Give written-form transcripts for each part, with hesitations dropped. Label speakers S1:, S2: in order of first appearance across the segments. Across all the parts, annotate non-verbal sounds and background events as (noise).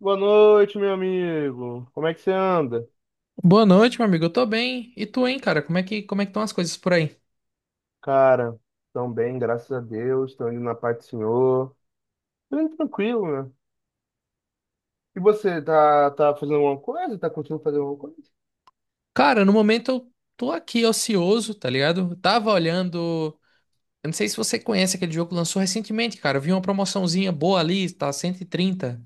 S1: Boa noite, meu amigo. Como é que você anda?
S2: Boa noite, meu amigo. Eu tô bem. E tu, hein, cara? Como é que estão as coisas por aí?
S1: Cara, tão bem, graças a Deus. Tô indo na paz do Senhor. Tô indo tranquilo, né? E você, tá fazendo alguma coisa? Tá conseguindo fazer alguma coisa?
S2: Cara, no momento eu tô aqui ocioso, tá ligado? Eu tava olhando. Eu não sei se você conhece aquele jogo que lançou recentemente, cara. Eu vi uma promoçãozinha boa ali, tá 130.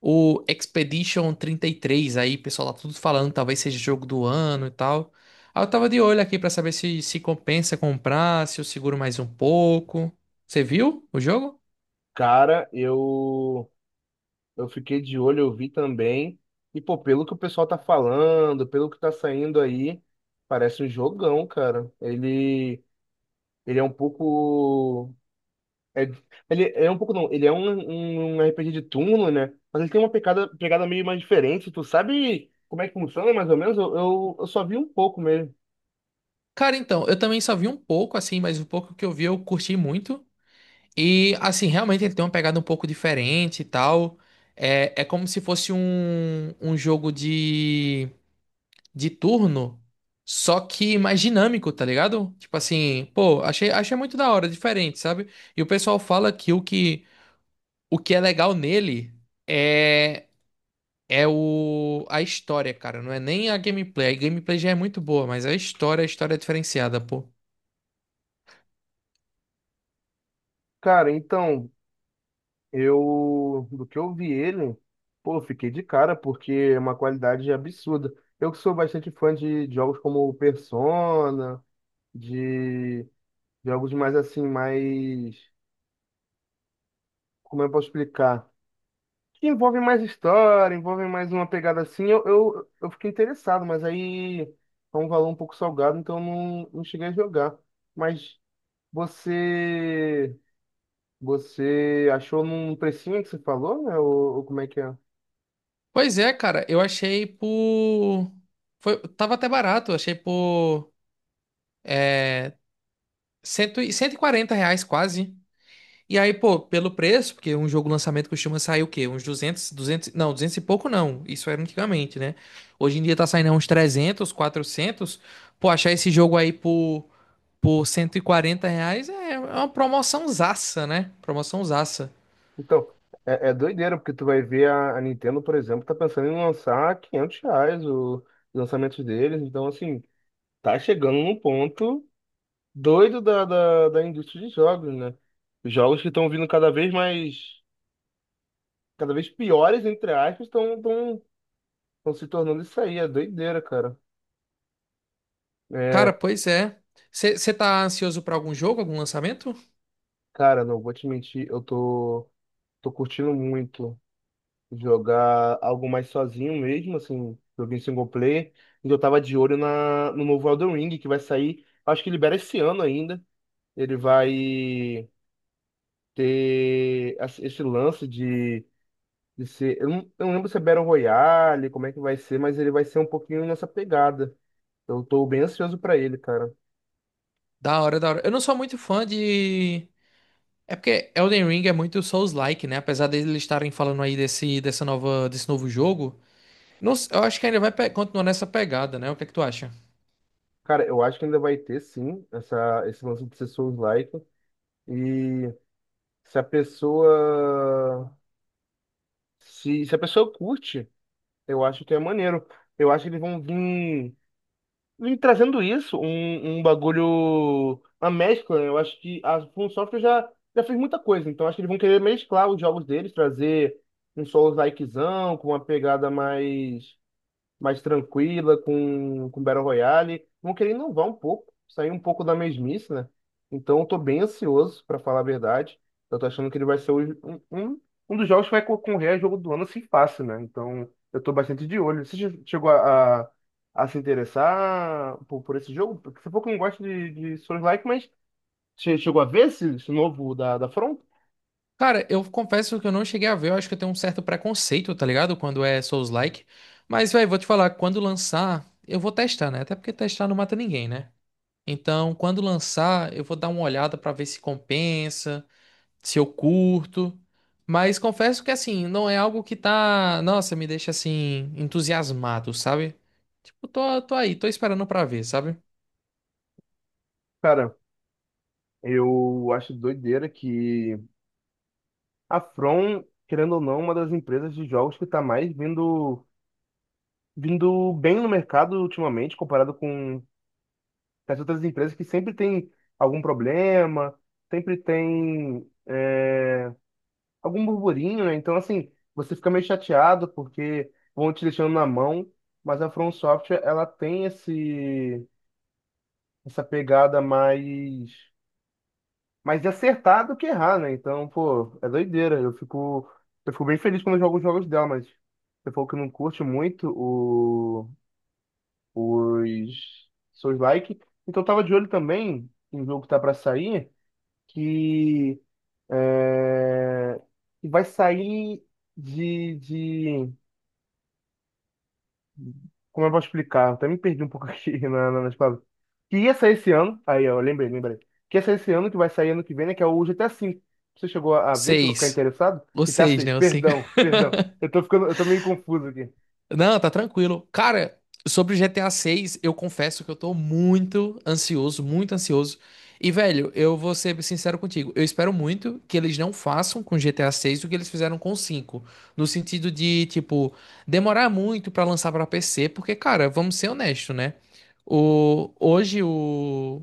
S2: O Expedition 33, aí, o pessoal, tá tudo falando, talvez seja jogo do ano e tal. Aí eu tava de olho aqui pra saber se compensa comprar, se eu seguro mais um pouco. Você viu o jogo?
S1: Cara, eu fiquei de olho, eu vi também. E, pô, pelo que o pessoal tá falando, pelo que tá saindo aí, parece um jogão, cara. Ele é um pouco. É, ele é um pouco não, ele é um RPG de turno, né? Mas ele tem uma pegada, pegada meio mais diferente. Tu sabe como é que funciona, mais ou menos? Eu só vi um pouco mesmo.
S2: Cara, então, eu também só vi um pouco, assim, mas o pouco que eu vi eu curti muito. E assim, realmente ele tem uma pegada um pouco diferente e tal. É como se fosse um jogo de turno, só que mais dinâmico, tá ligado? Tipo assim, pô, achei muito da hora, diferente, sabe? E o pessoal fala que o que é legal nele é, é a história, cara. Não é nem a gameplay. A gameplay já é muito boa, mas a história é diferenciada, pô.
S1: Cara, então, eu, do que eu vi ele, pô, eu fiquei de cara, porque é uma qualidade absurda. Eu que sou bastante fã de jogos como Persona, de jogos mais assim, mais, como eu posso explicar? Que envolve mais história, envolve mais uma pegada assim, eu fiquei interessado, mas aí é um valor um pouco salgado, então eu não cheguei a jogar. Mas você você achou num precinho que você falou, né? Ou como é que é?
S2: Pois é, cara, eu achei por. Foi, tava até barato, eu achei por cento e quarenta reais quase. E aí, pô, pelo preço, porque um jogo lançamento costuma sair o quê? Uns 200 200 não, 200 e pouco não. Isso era antigamente, né? Hoje em dia tá saindo uns 300 quatrocentos. Pô, achar esse jogo aí por 140 reais é uma promoção zaça, né? Promoção zaça.
S1: Então, é doideira, porque tu vai ver a Nintendo, por exemplo, tá pensando em lançar 500 reais o lançamento deles, então assim, tá chegando num ponto doido da indústria de jogos, né? Jogos que estão vindo cada vez mais cada vez piores, entre aspas, estão se tornando isso aí. É doideira, cara.
S2: Cara,
S1: É,
S2: pois é. Você tá ansioso pra algum jogo, algum lançamento?
S1: cara, não vou te mentir, eu tô curtindo muito jogar algo mais sozinho mesmo, assim, joguei em single player. E eu tava de olho no novo Elden Ring, que vai sair, acho que libera esse ano ainda. Ele vai ter esse lance de ser. Eu não lembro se é Battle Royale, como é que vai ser, mas ele vai ser um pouquinho nessa pegada. Eu tô bem ansioso pra ele, cara.
S2: Da hora, da hora. Eu não sou muito fã de. É porque Elden Ring é muito Souls-like, né? Apesar deles estarem falando aí desse, dessa nova, desse novo jogo, não s- eu acho que ainda continuar nessa pegada, né? O que é que tu acha?
S1: Cara, eu acho que ainda vai ter sim esse lance de ser Souls-like. E se a pessoa. Se a pessoa curte, eu acho que é maneiro. Eu acho que eles vão vir trazendo isso, um, bagulho. Uma mescla, né? Eu acho que a From Software já fez muita coisa. Então acho que eles vão querer mesclar os jogos deles, trazer um Souls-likezão, com uma pegada mais tranquila, com Battle Royale. Vão querer inovar um pouco, sair um pouco da mesmice, né? Então eu tô bem ansioso, pra falar a verdade. Eu tô achando que ele vai ser um dos jogos que vai concorrer a jogo do ano assim fácil, né? Então eu tô bastante de olho. Você chegou a se interessar por esse jogo? Porque você pouco não gosta de Souls-like, mas você chegou a ver esse novo da Front?
S2: Cara, eu confesso que eu não cheguei a ver, eu acho que eu tenho um certo preconceito, tá ligado? Quando é Souls-like. Mas, velho, vou te falar, quando lançar, eu vou testar, né? Até porque testar não mata ninguém, né? Então, quando lançar, eu vou dar uma olhada pra ver se compensa. Se eu curto. Mas confesso que assim, não é algo que tá, nossa, me deixa assim entusiasmado, sabe? Tipo, tô aí, tô esperando pra ver, sabe?
S1: Cara, eu acho doideira que. A From, querendo ou não, é uma das empresas de jogos que está mais vindo bem no mercado ultimamente, comparado com as outras empresas que sempre tem algum problema, sempre tem algum burburinho, né? Então, assim, você fica meio chateado porque vão te deixando na mão, mas a From Software, ela tem essa pegada mais de acertar do que errar, né? Então, pô, é doideira. Eu fico bem feliz quando eu jogo os jogos dela, mas você falou que não curte muito os seus likes. Então, eu tava de olho também em um jogo que tá pra sair, que, é, que vai sair de Como eu posso explicar? Eu até me perdi um pouco (laughs) aqui nas palavras. Que ia sair esse ano. Aí, ó, lembrei, lembrei. Que ia sair esse ano, que vai sair ano que vem, né? Que é o GTA V. Você chegou a ver? Chegou a ficar
S2: Seis.
S1: interessado?
S2: O
S1: GTA
S2: seis,
S1: 6.
S2: né? O
S1: Perdão, perdão. Eu tô ficando, eu tô meio confuso aqui.
S2: Não, tá tranquilo. Cara, sobre GTA 6, eu confesso que eu tô muito ansioso, muito ansioso. E, velho, eu vou ser sincero contigo. Eu espero muito que eles não façam com GTA 6 o que eles fizeram com o cinco. No sentido de, tipo, demorar muito pra lançar pra PC, porque, cara, vamos ser honestos, né? O, hoje o,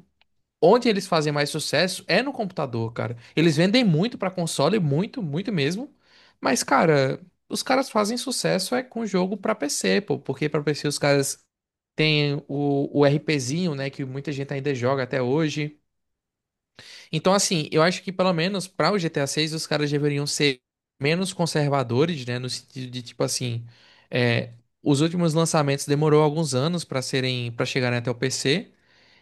S2: Onde eles fazem mais sucesso é no computador, cara. Eles vendem muito pra console, muito, muito mesmo. Mas, cara, os caras fazem sucesso é com jogo pra PC, pô, porque pra PC os caras têm o RPzinho, né, que muita gente ainda joga até hoje. Então, assim, eu acho que pelo menos pra o GTA 6 os caras deveriam ser menos conservadores, né, no sentido de tipo assim, é, os últimos lançamentos demorou alguns anos pra serem, para chegarem até o PC.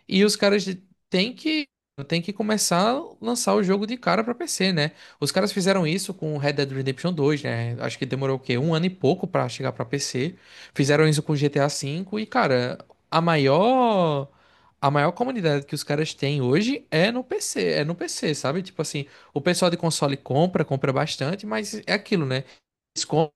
S2: E os caras têm que, têm que começar a lançar o jogo de cara pra PC, né? Os caras fizeram isso com Red Dead Redemption 2, né? Acho que demorou o quê? Um ano e pouco pra chegar pra PC. Fizeram isso com GTA V e, cara, a maior. A maior comunidade que os caras têm hoje é no PC, é no PC, sabe? Tipo assim, o pessoal de console compra, compra bastante, mas é aquilo, né? Eles compram.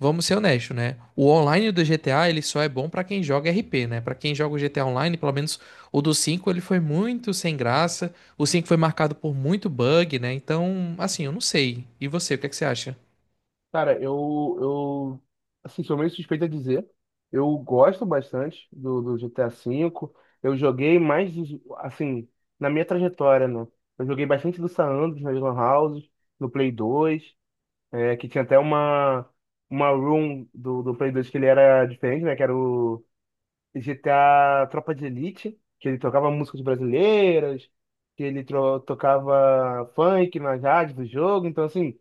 S2: Vamos ser honestos, né? O online do GTA, ele só é bom pra quem joga RP, né? Pra quem joga o GTA Online, pelo menos o do 5 ele foi muito sem graça. O 5 foi marcado por muito bug, né? Então, assim, eu não sei. E você, o que é que você acha?
S1: Cara, eu, assim, sou meio suspeito a dizer. Eu gosto bastante do GTA V. Eu joguei mais, assim, na minha trajetória, né? Eu joguei bastante do San Andreas nas Lan Houses, no Play 2. É, que tinha até uma room do Play 2 que ele era diferente, né? Que era o GTA Tropa de Elite, que ele tocava músicas brasileiras, que ele tocava funk nas rádios do jogo. Então, assim,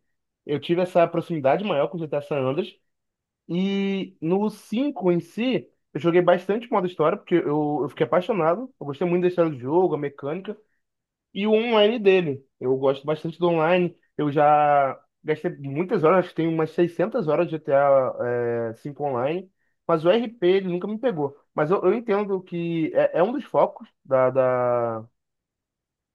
S1: eu tive essa proximidade maior com o GTA San Andreas. E no 5 em si, eu joguei bastante modo história, porque eu fiquei apaixonado. Eu gostei muito da história do jogo, a mecânica e o online dele. Eu gosto bastante do online. Eu já gastei muitas horas, acho que tem umas 600 horas de GTA 5 online, mas o RP ele nunca me pegou. Mas eu entendo que é um dos focos da, da,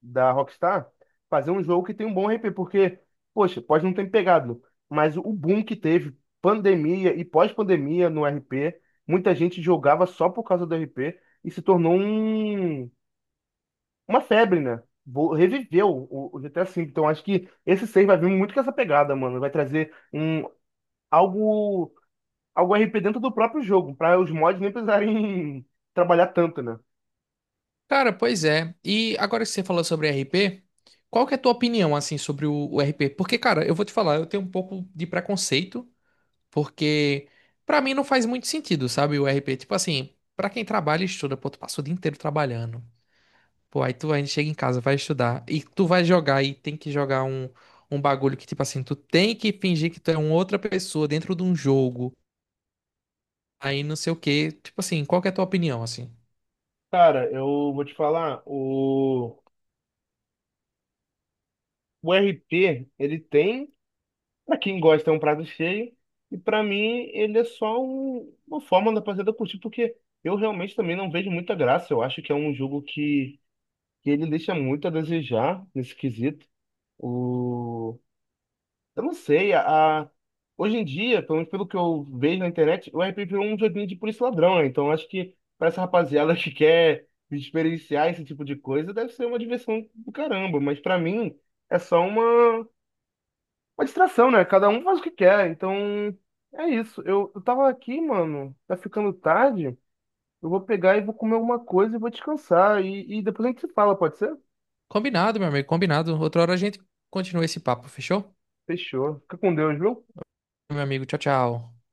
S1: da Rockstar fazer um jogo que tem um bom RP, porque, poxa, pode não ter me pegado, mas o boom que teve, pandemia e pós-pandemia no RP, muita gente jogava só por causa do RP e se tornou uma febre, né? Reviveu o GTA V. Então acho que esse 6 vai vir muito com essa pegada, mano. Vai trazer um algo, algo RP dentro do próprio jogo, para os mods nem precisarem (laughs) trabalhar tanto, né?
S2: Cara, pois é. E agora que você falou sobre RP, qual que é a tua opinião, assim, sobre o RP? Porque, cara, eu vou te falar, eu tenho um pouco de preconceito, porque pra mim não faz muito sentido, sabe? O RP, tipo assim, pra quem trabalha e estuda, pô, tu passa o dia inteiro trabalhando. Pô, aí tu ainda chega em casa, vai estudar e tu vai jogar e tem que jogar um bagulho que, tipo assim, tu tem que fingir que tu é uma outra pessoa dentro de um jogo, aí não sei o quê. Tipo assim, qual que é a tua opinião, assim?
S1: Cara, eu vou te falar, o RP, ele tem, pra quem gosta, é um prato cheio, e pra mim ele é só uma forma da rapaziada curtir, porque eu realmente também não vejo muita graça, eu acho que é um jogo que ele deixa muito a desejar nesse quesito. O, Eu não sei, hoje em dia, pelo menos pelo que eu vejo na internet, o RP virou um joguinho de polícia e ladrão, né? Então acho que pra essa rapaziada (laughs) que quer experienciar esse tipo de coisa, deve ser uma diversão do caramba, mas pra mim é só uma distração, né? Cada um faz o que quer, então é isso. Eu tava aqui, mano, tá ficando tarde, eu vou pegar e vou comer alguma coisa e vou descansar, e depois a gente se fala, pode ser?
S2: Combinado, meu amigo, combinado. Outra hora a gente continua esse papo, fechou?
S1: Fechou. Fica com Deus, viu?
S2: Meu amigo, tchau, tchau.